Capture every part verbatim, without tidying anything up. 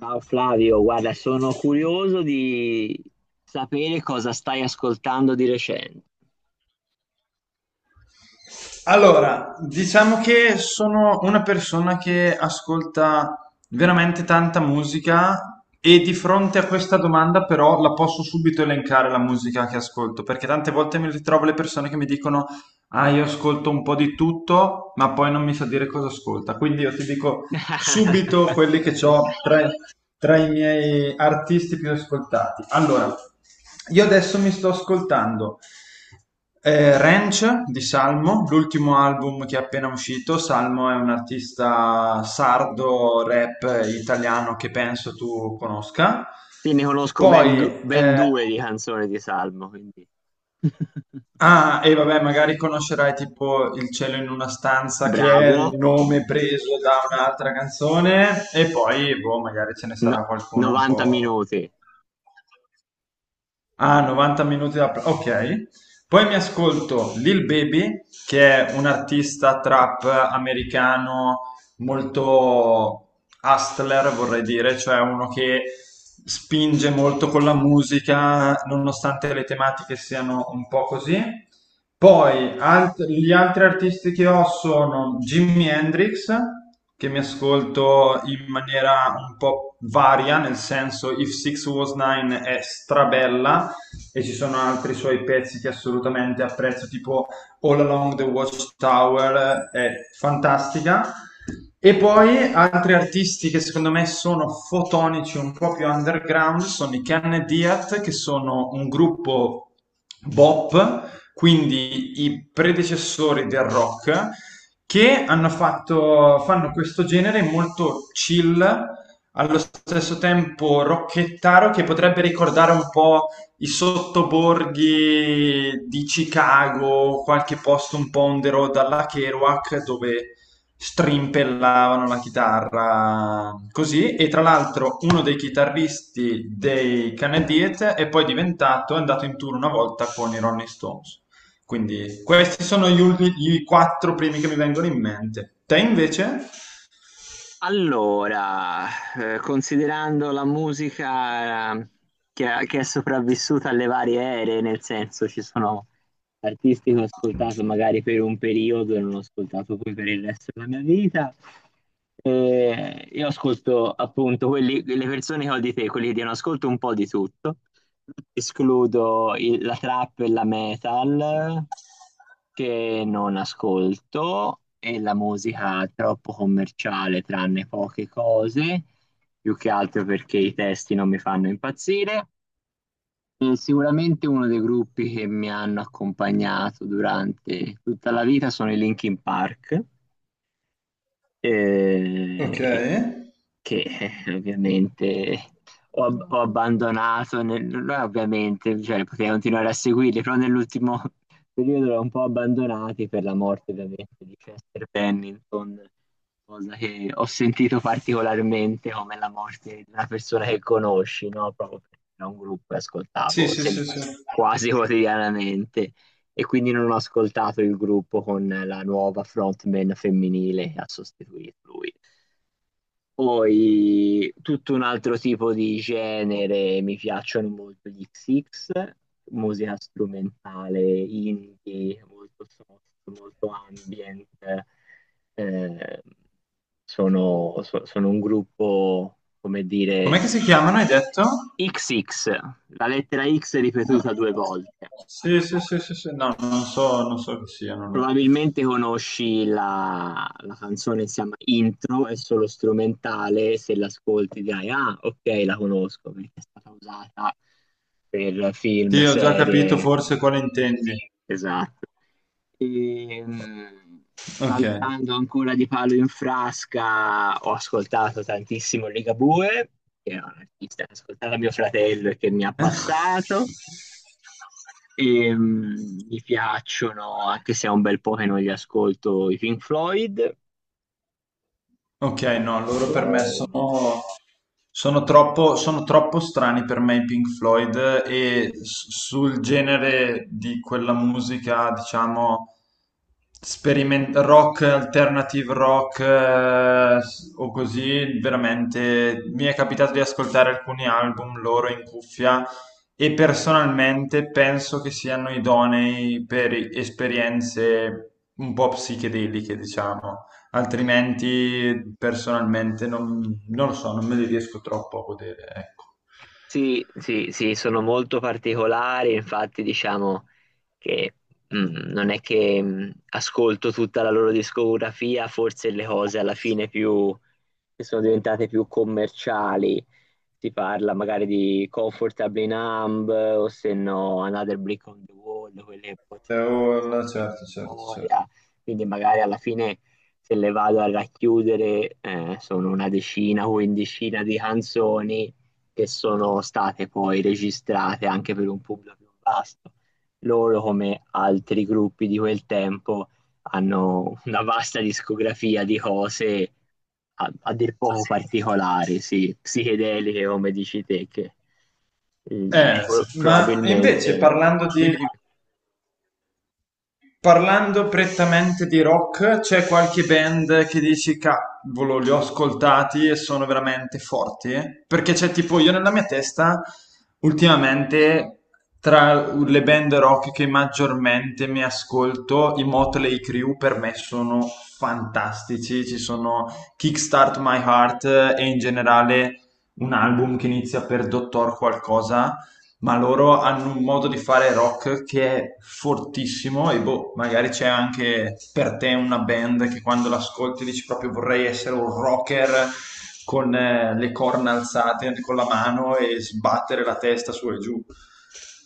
Ciao Flavio, guarda, sono curioso di sapere cosa stai ascoltando di recente. Allora, diciamo che sono una persona che ascolta veramente tanta musica e di fronte a questa domanda però la posso subito elencare la musica che ascolto, perché tante volte mi ritrovo le persone che mi dicono, ah, io ascolto un po' di tutto, ma poi non mi sa dire cosa ascolta. Quindi io ti dico subito quelli che ho tra, tra i miei artisti più ascoltati. Allora, io adesso mi sto ascoltando eh, Ranch di Salmo, l'ultimo album che è appena uscito. Salmo è un artista sardo, rap eh, italiano che penso tu conosca. Sì, ne conosco ben, du- Poi, ben eh, due di canzoni di Salmo, quindi ah, e vabbè, magari conoscerai tipo Il cielo in una stanza, che è bravo. il nome preso da un'altra canzone, e poi, boh, magari ce ne No- sarà qualcuno un novanta po'. minuti. Ah, novanta minuti da... Ok. Poi mi ascolto Lil Baby, che è un artista trap americano molto hustler, vorrei dire, cioè uno che spinge molto con la musica, nonostante le tematiche siano un po' così. Poi alt- gli altri artisti che ho sono Jimi Hendrix, che mi ascolto in maniera un po' varia, nel senso If Six Was Nine è strabella, e ci sono altri suoi pezzi che assolutamente apprezzo, tipo All Along the Watchtower, è fantastica. E poi altri artisti che secondo me sono fotonici, un po' più underground, sono i Ken Diat, che sono un gruppo bop, quindi i predecessori del rock, che hanno fatto, fanno questo genere molto chill, allo stesso tempo rocchettaro, che potrebbe ricordare un po' i sottoborghi di Chicago, qualche posto un po' on the road alla Kerouac dove strimpellavano la chitarra così e tra l'altro uno dei chitarristi dei Canadiet è poi diventato, è andato in tour una volta con i Rolling Stones. Quindi questi sono gli, ultimi, i quattro primi che mi vengono in mente. Te invece? Allora, eh, considerando la musica eh, che, che è sopravvissuta alle varie ere, nel senso ci sono artisti che ho ascoltato magari per un periodo e non ho ascoltato poi per il resto della mia vita. Eh, io ascolto appunto quelli, le persone che ho di te, quelli che diano ascolto un po' di tutto. Escludo il- la trap e la metal che non ascolto e la musica troppo commerciale, tranne poche cose, più che altro perché i testi non mi fanno impazzire. E sicuramente uno dei gruppi che mi hanno accompagnato durante tutta la vita sono i Linkin Park, Ok. eh, che, eh, ovviamente ho, ab- ho abbandonato. Nel- non è ovviamente, cioè, potrei continuare a seguirli, però nell'ultimo periodo l'ho un po' abbandonati per la morte ovviamente di Chester Bennington, cosa che ho sentito particolarmente come la morte di una persona che conosci, no? Proprio perché era un gruppo che Sì, ascoltavo sì, se- sì, sì. quasi quotidianamente, e quindi non ho ascoltato il gruppo con la nuova frontman femminile che ha sostituito lui. Poi tutto un altro tipo di genere, mi piacciono molto gli X X, musica strumentale, indie, molto soft, molto ambient. Eh, sono, so- Sono un gruppo, come Com'è dire, che si chiamano, hai detto? X X, la lettera X No. ripetuta due volte. Sì, sì, sì, sì, sì, no, non so, non so chi siano loro. Probabilmente conosci la, la canzone, si chiama Intro, è solo strumentale. Se l'ascolti dirai, ah, ok, la conosco, perché è stata usata per film, Sì, ho già capito serie, forse quale intendi. esatto. E, mh, Ok. saltando ancora di palo in frasca, ho ascoltato tantissimo Ligabue, che è un artista che ho ascoltato a mio fratello e che mi ha Eh? passato. E, mm, mi piacciono, anche se è un bel po' che non li ascolto, i Pink Floyd. Ok, no, loro per me Floyd. sono, sono troppo, sono troppo strani per me i Pink Floyd e s- sul genere di quella musica, diciamo, speriment- rock, alternative rock eh, s- o così, veramente mi è capitato di ascoltare alcuni album loro in cuffia e personalmente penso che siano idonei per esperienze un po' psichedeliche, diciamo. Altrimenti, personalmente, non, non lo so, non me li riesco troppo a godere, ecco. Sì, sì, sì, sono molto particolari, infatti diciamo che, mm, non è che, mm, ascolto tutta la loro discografia. Forse le cose alla fine più, che sono diventate più commerciali, si parla magari di Comfortably Numb o se no Another Brick on the Wall, quelle forse Eh, un po' oh, pensate no, alla certo, certo, certo. storia. Quindi magari alla fine, se le vado a racchiudere, eh, sono una decina o quindicina di canzoni che sono state poi registrate anche per un pubblico più vasto. Loro, come altri gruppi di quel tempo, hanno una vasta discografia di cose a, a dir poco particolari, sì, psichedeliche come dici te, che eh, Eh, pro- ma invece probabilmente... parlando di Dimmi, dimmi. Parlando prettamente di rock, c'è qualche band che dici cavolo, li ho ascoltati e sono veramente forti? Eh? Perché c'è tipo io nella mia testa, ultimamente, tra le band rock che maggiormente mi ascolto, i Motley Crue per me sono fantastici. Ci sono Kickstart My Heart eh, e in generale un album che inizia per Dottor qualcosa, ma loro hanno un modo di fare rock che è fortissimo e boh, magari c'è anche per te una band che quando l'ascolti dici proprio vorrei essere un rocker con eh, le corna alzate con la mano e sbattere la testa su e giù.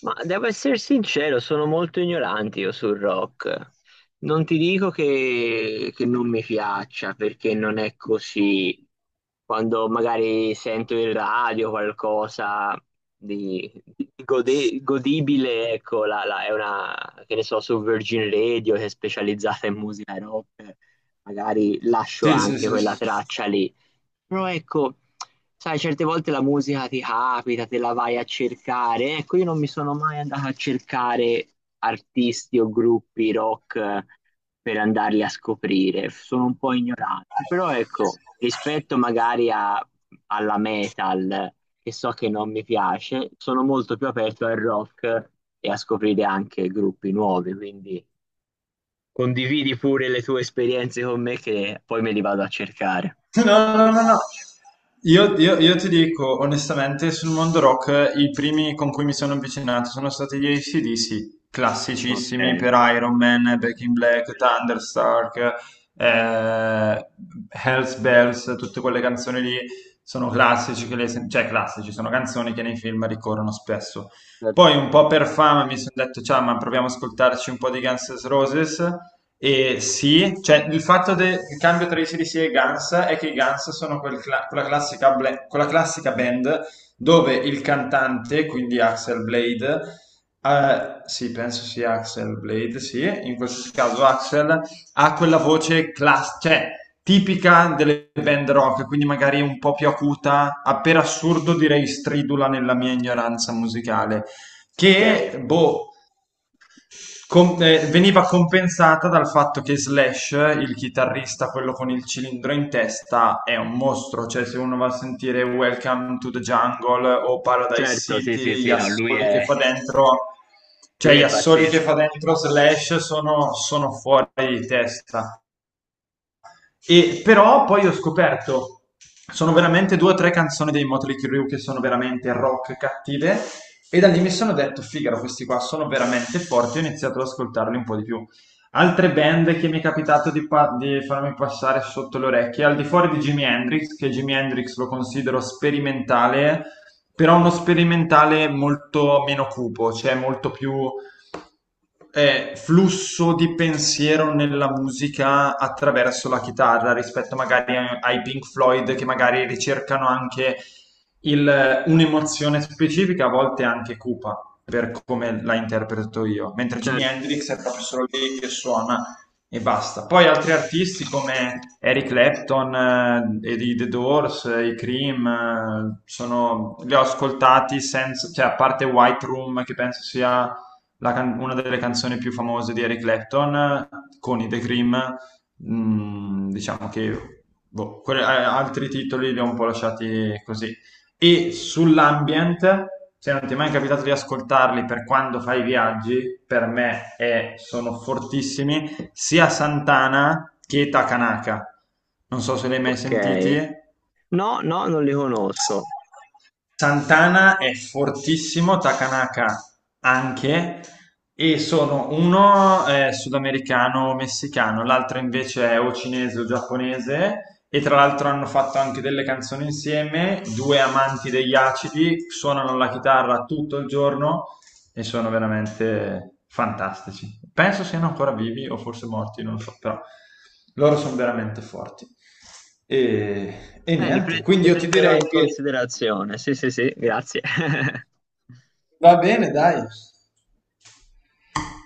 Ma devo essere sincero, sono molto ignorante io sul rock. Non ti dico che, che non mi piaccia, perché non è così. Quando magari sento in radio qualcosa di, di gode- godibile, ecco, la- la- è una, che ne so, su Virgin Radio, che è specializzata in musica rock, magari lascio Sì, sì, anche sì, quella sì. traccia lì. Però ecco, sai, certe volte la musica ti capita, te la vai a cercare. Ecco, io non mi sono mai andata a cercare artisti o gruppi rock, eh, per andarli a scoprire. Sono un po' ignorante. Però ecco, rispetto magari a- alla metal, che so che non mi piace, sono molto più aperto al rock e a scoprire anche gruppi nuovi. Quindi condividi pure le tue esperienze con me, che poi me li vado a cercare. No, no, no, no. Io, io- io ti dico onestamente, sul mondo rock i primi con cui mi sono avvicinato sono stati gli A C/D C, classicissimi Ok, per Iron Man, Back in Black, Thunderstark, eh, Hells Bells, tutte quelle canzoni lì sono classici, che le sen- cioè classici, sono canzoni che nei film ricorrono spesso. Poi certo. un po' per fama mi sono detto, ciao, ma proviamo ad ascoltarci un po' di Guns N' Roses e sì, cioè il fatto del cambio tra i C D C e i Guns è che i Guns sono quel cla- quella classica, bla- quella classica band dove il cantante, quindi Axel Blade, eh, sì, penso sia Axel Blade, sì, in questo caso Axel ha quella voce class- cioè, tipica delle band rock, quindi magari un po' più acuta, a per assurdo direi stridula nella mia ignoranza musicale, Ok, che boh, com- eh, veniva compensata dal fatto che Slash, il chitarrista, quello con il cilindro in testa, è un mostro. Cioè, se uno va a sentire Welcome to the Jungle o Paradise certo, sì, sì, City, gli sì. No, lui assoli è, che fa dentro, cioè lui gli è assoli che pazzesco. fa dentro Slash sono, sono fuori di testa. E però poi ho scoperto, sono veramente due o tre canzoni dei Motley Crue che sono veramente rock cattive e da lì mi sono detto, figaro, questi qua sono veramente forti, ho iniziato ad ascoltarli un po' di più. Altre band che mi è capitato di, pa- di farmi passare sotto le orecchie, al di fuori di Jimi Hendrix, che Jimi Hendrix lo considero sperimentale, però uno sperimentale molto meno cupo, cioè molto più eh, flusso di pensiero nella musica attraverso la chitarra rispetto magari a- ai Pink Floyd che magari ricercano anche il- un'emozione specifica, a volte anche cupa, per come la interpreto io, mentre Jimi Certo. Hendrix è proprio solo lì che suona e basta. Poi altri artisti come Eric Clapton, eh, e i The Doors, eh, i Cream, eh, sono- li ho ascoltati senza, cioè a parte White Room che penso sia la can- una delle canzoni più famose di Eric Clapton con i The Cream, mh, diciamo che boh, que- eh, altri titoli li ho un po' lasciati così. E sull'ambient, se non ti è mai capitato di ascoltarli per quando fai i viaggi, per me è- sono fortissimi, sia Santana che Takanaka. Non so se li hai mai Ok. sentiti. No, no, non li conosco. Santana è fortissimo, Takanaka anche, e sono uno è sudamericano o messicano, l'altro invece è o cinese o giapponese, e tra l'altro hanno fatto anche delle canzoni insieme, due amanti degli acidi, suonano la chitarra tutto il giorno e sono veramente fantastici. Penso siano ancora vivi o forse morti, non so, però loro sono veramente forti. E, e Eh, li, niente, pre- quindi li io ti prenderò direi in che considerazione. Sì, sì, sì, grazie. va bene, dai.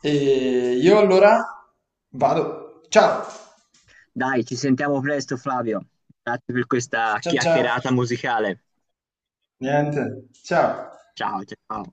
E io allora vado. Ciao. Dai, ci sentiamo presto, Flavio. Grazie per questa Ciao ciao. chiacchierata musicale. Niente. Ciao. Ciao, ciao.